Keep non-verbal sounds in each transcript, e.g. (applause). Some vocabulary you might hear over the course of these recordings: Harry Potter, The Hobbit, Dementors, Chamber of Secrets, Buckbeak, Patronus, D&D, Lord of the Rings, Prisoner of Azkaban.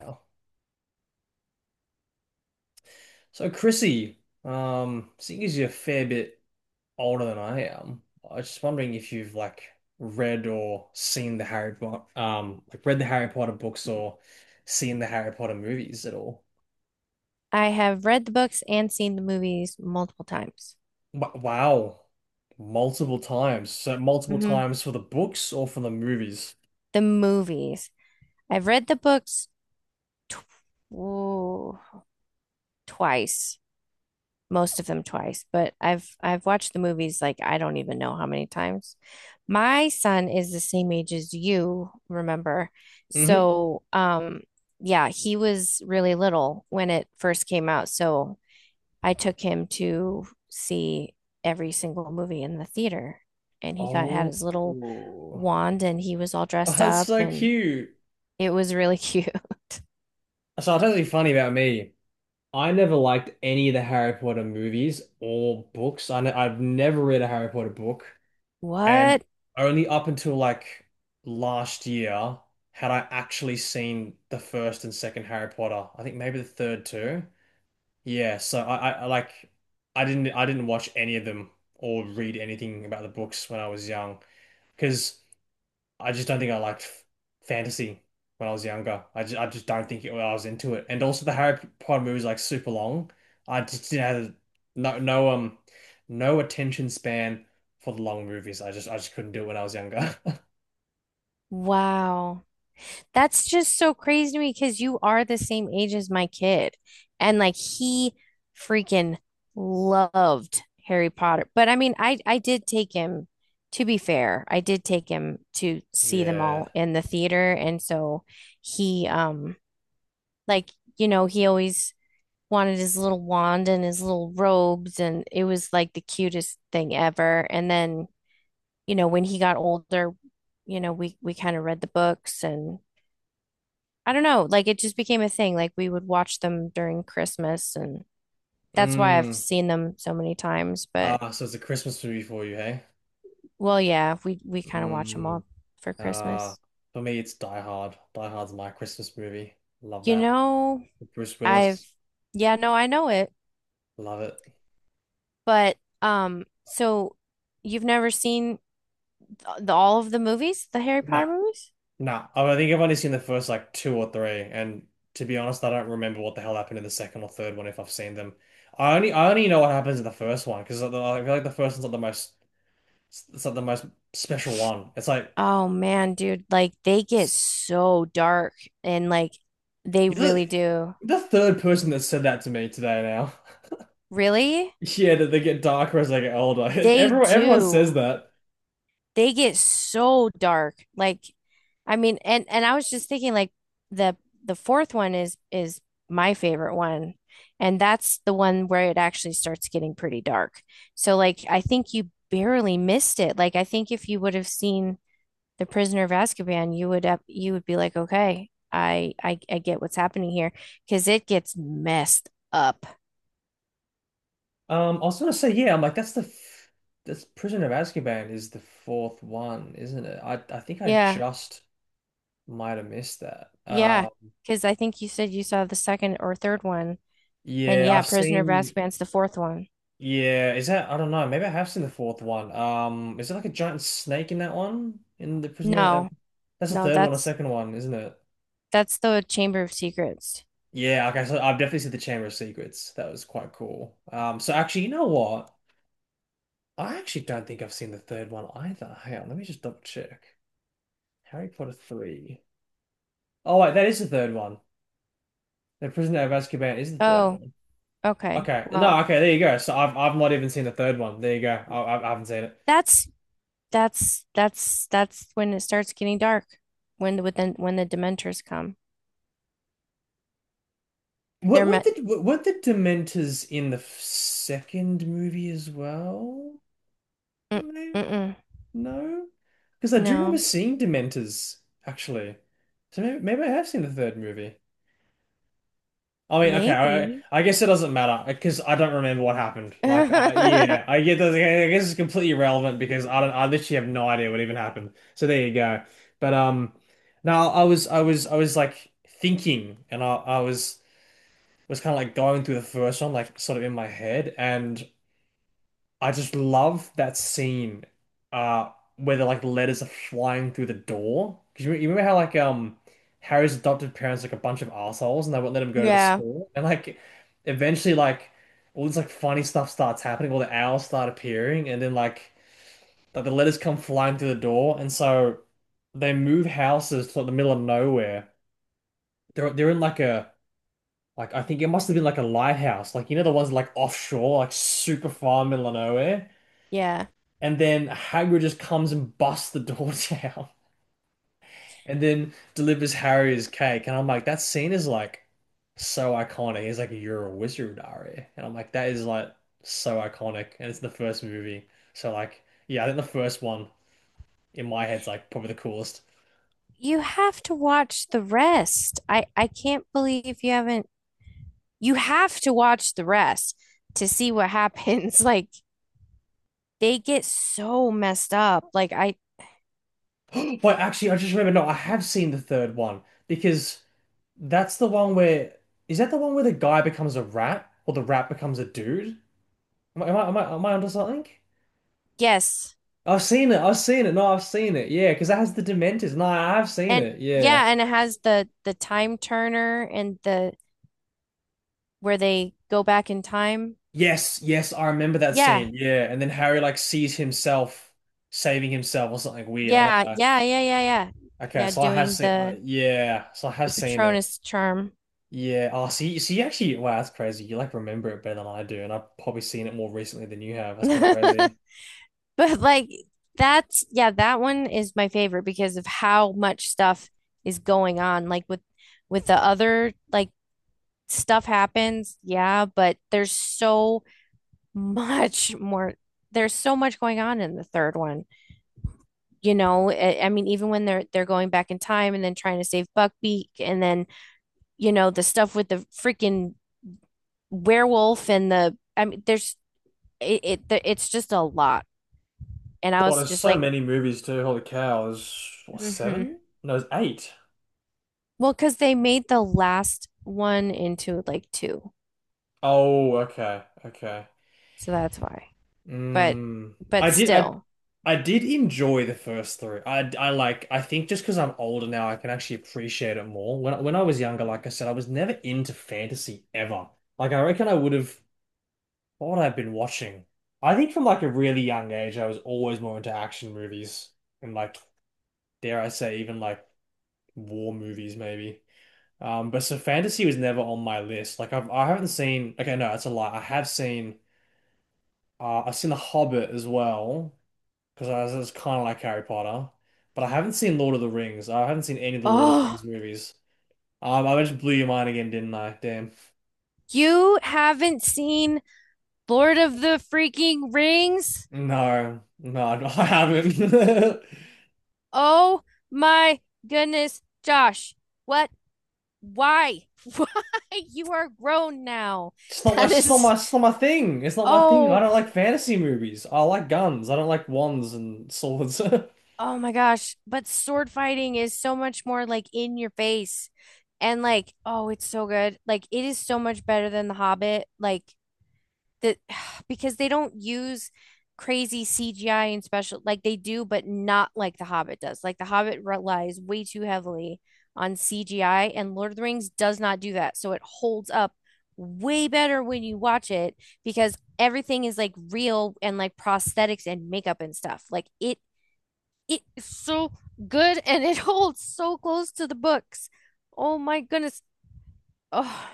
Wow. So, Chrissy, seeing as you're a fair bit older than I am, I was just wondering if you've read or seen the Harry Potter, like read the Harry Potter books or seen the Harry Potter movies at all. I have read the books and seen the movies multiple times. Wow, multiple times. So multiple hmm times for the books or for the movies. The movies. I've read the books tw ooh, twice, most of them twice, but I've watched the movies like I don't even know how many times. My son is the same age as you, remember? hmm So, um, yeah, he was really little when it first came out. So I took him to see every single movie in the theater, and he got had Oh. his little (laughs) wand, and he was all Oh, dressed that's up, so and cute. it was really cute. (laughs) So I'll tell you something funny about me. I never liked any of the Harry Potter movies or books. I've never read a Harry Potter book, and What? only up until like last year had I actually seen the first and second Harry Potter. I think maybe the third too. Yeah, so I I didn't watch any of them or read anything about the books when I was young because I just don't think I liked fantasy when I was younger. I just don't think it, I was into it. And also the Harry Potter movies like super long. I just didn't have no no um no attention span for the long movies. I just couldn't do it when I was younger. (laughs) Wow. That's just so crazy to me because you are the same age as my kid. And like he freaking loved Harry Potter. But I mean, I did take him, to be fair, I did take him to see them all Yeah. in the theater. And so he like, you know, he always wanted his little wand and his little robes, and it was like the cutest thing ever. And then, you know, when he got older, you know, we kind of read the books, and I don't know, like it just became a thing. Like we would watch them during Christmas, and that's why I've Mm. seen them so many times. But Ah, so it's a Christmas movie for you, hey? well, yeah, we kind of watch them Mm. all for Ah, Christmas. for me it's Die Hard. Die Hard's my Christmas movie. Love You that. know, With Bruce Willis. I've yeah, no, I know it. Love it. But um so you've never seen all of the movies, the Harry No, Potter movies? Nah, I think I've only seen the first like two or three, and to be honest, I don't remember what the hell happened in the second or third one if I've seen them. I only know what happens in the first one because I feel like the first one's not the most it's not the most special one. It's like Oh man, dude, like they get so dark, and like they you're really do. the third person that said that to me today now. (laughs) Really? Yeah, that they get darker as they get older. (laughs) They Everyone says do. that. They get so dark. Like I mean, and I was just thinking like the the fourth one is my favorite one. And that's the one where it actually starts getting pretty dark. So like I think you barely missed it. Like I think if you would have seen the prisoner of Azkaban, you would up you would be like, okay, I get what's happening here because it gets messed up. I was gonna say yeah. I'm like that's the f that's Prisoner of Azkaban is the fourth one, isn't it? I think I Yeah, just might have missed that. yeah. Because I think you said you saw the second or third one, and Yeah, yeah, I've Prisoner of seen. Azkaban's the fourth one. Yeah, is that? I don't know. Maybe I have seen the fourth one. Is it like a giant snake in that one? In the Prisoner of... No, That's the no, third one or that's second one, isn't it? that's the Chamber of Secrets. Yeah. Okay. So I've definitely seen the Chamber of Secrets. That was quite cool. So actually, you know what? I actually don't think I've seen the third one either. Hang on. Let me just double check. Harry Potter three. Oh wait, that is the third one. The Prisoner of Azkaban is the third Oh, one. okay. Okay. Well, No. Okay. There you go. So I've not even seen the third one. There you go. I haven't seen it. that's that's when it starts getting dark. When the when the Dementors come, What they're what met. the what, what the Dementors in the second movie as well? Mm, No, mm-mm. no, because I do remember No, seeing Dementors actually. So maybe I have seen the third movie. I mean, okay, maybe. I guess it doesn't matter because I don't remember what happened. Like, I, yeah, (laughs) I get that. I guess it's completely irrelevant because I don't. I literally have no idea what even happened. So there you go. But now I was thinking, and I was. Was kind of like going through the first one, like sort of in my head, and I just love that scene, where the like letters are flying through the door. Because you remember how like Harry's adopted parents like a bunch of assholes and they won't let him go to the Yeah, school, and like eventually like all this like funny stuff starts happening, all the owls start appearing, and then like the letters come flying through the door, and so they move houses to like, the middle of nowhere. They're in like a like I think it must have been like a lighthouse, like you know the ones like offshore, like super far middle of nowhere. yeah. And then Hagrid just comes and busts the door (laughs) down, and then delivers Harry's cake. And I'm like, that scene is like so iconic. He's like, "You're a wizard, Harry," and I'm like, that is like so iconic. And it's the first movie, so like, yeah, I think the first one in my head's like probably the coolest. You have to watch the rest. I can't believe you haven't. You have to watch the rest to see what happens. (laughs) Like they get so messed up. Like I (laughs) But actually, I just remember, no, I have seen the third one because. That's the one where is that the one where the guy becomes a rat or the rat becomes a dude? Am I onto something? yes. I've seen it. I've seen it. No, I've seen it. Yeah, because that has the Dementors. No, I have seen And it. Yeah. yeah, and it has the time turner and the where they go back in time. Yes, yes, I remember that Yeah. scene. Yeah, and then Harry like sees himself saving himself or something weird. I don't Yeah, know. yeah, yeah, yeah, yeah. Okay, Yeah, so I have doing seen. Yeah, so I the have seen it. Patronus charm. Yeah. Oh, so so you actually wow, that's crazy. You like remember it better than I do, and I've probably seen it more recently than you have. That's kind of crazy. (laughs) But like that's yeah, that one is my favorite because of how much stuff is going on. Like with the other like stuff happens, yeah, but there's so much more there's so much going on in the third one. You know, I mean even when they're going back in time and then trying to save Buckbeak, and then, you know, the stuff with the freaking werewolf and the I mean there's it, it's just a lot. And I God, was there's just so like, many movies too. Holy cow, there's what, mm-hmm. seven? No, there's eight. Well, because they made the last one into like two. Oh, okay, okay. So that's why. But Mm. but I did, I, still. I did enjoy the first three. I like, I think just because I'm older now, I can actually appreciate it more. When I was younger, like I said, I was never into fantasy ever. Like I reckon I would have thought I've been watching. I think from like a really young age, I was always more into action movies and like, dare I say, even like war movies maybe. But so fantasy was never on my list. I haven't seen. Okay, no, that's a lie. I have seen. I've seen The Hobbit as well because it's kind of like Harry Potter, but I haven't seen Lord of the Rings. I haven't seen any of the Lord of the Rings Oh, movies. I just blew your mind again, didn't I? Damn. you haven't seen Lord of the freaking Rings? No, No, (laughs) I haven't. (laughs) Oh my goodness, Josh. What? Why? Why? (laughs) You are grown now. That is it's not my thing. It's not my thing. I oh, don't like fantasy movies. I like guns. I don't like wands and swords. (laughs) oh my gosh. But sword fighting is so much more like in your face. And like, oh, it's so good. Like it is so much better than The Hobbit. Like that (sighs) because they don't use crazy CGI and special like they do, but not like The Hobbit does. Like The Hobbit relies way too heavily on CGI, and Lord of the Rings does not do that. So it holds up way better when you watch it because everything is like real and like prosthetics and makeup and stuff. Like it is so good, and it (laughs) holds so close to the books. Oh my goodness. Oh,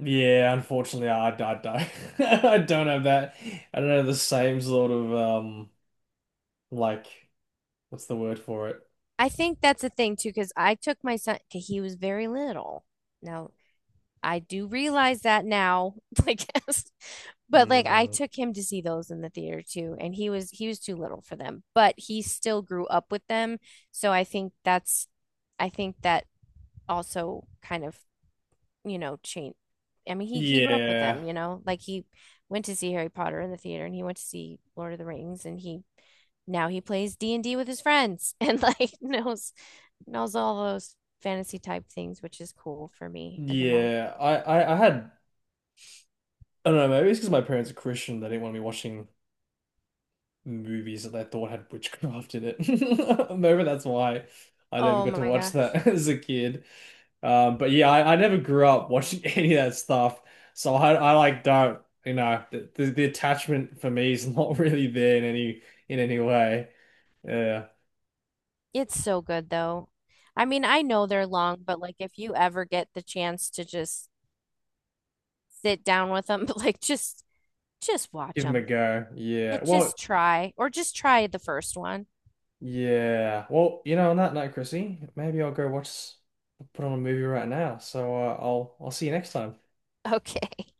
Yeah, unfortunately, I don't. (laughs) I don't have that. I don't have the same sort of like, what's the word for it? I think that's a thing too, because I took my son, 'cause he was very little. Now, I do realize that now, (laughs) I guess, but like I Mm, took him to see those in the theater too, and he was too little for them, but he still grew up with them. So I think that's I think that also kind of you know, change. I mean, he grew up with yeah, them, you know. Like he went to see Harry Potter in the theater, and he went to see Lord of the Rings, and he now he plays D&D with his friends and like (laughs) knows all those fantasy type things, which is cool for me as a mom. yeah. I had. I don't know. Maybe it's because my parents are Christian. They didn't want me watching movies that they thought had witchcraft in it. (laughs) Maybe that's why I never Oh got to my watch gosh. that (laughs) as a kid. But yeah, I never grew up watching (laughs) any of that stuff, so I like don't, you know, the attachment for me is (laughs) not really there in any way. Yeah, It's so good though. I mean, I know they're long, but like if you ever get the chance to just sit down with them, (laughs) like just watch give them a them. go. It just try or just try the first one. (laughs) Well, you know, on that note, Chrissy, maybe I'll go watch, put on a movie right now. So I'll see you next time. Okay.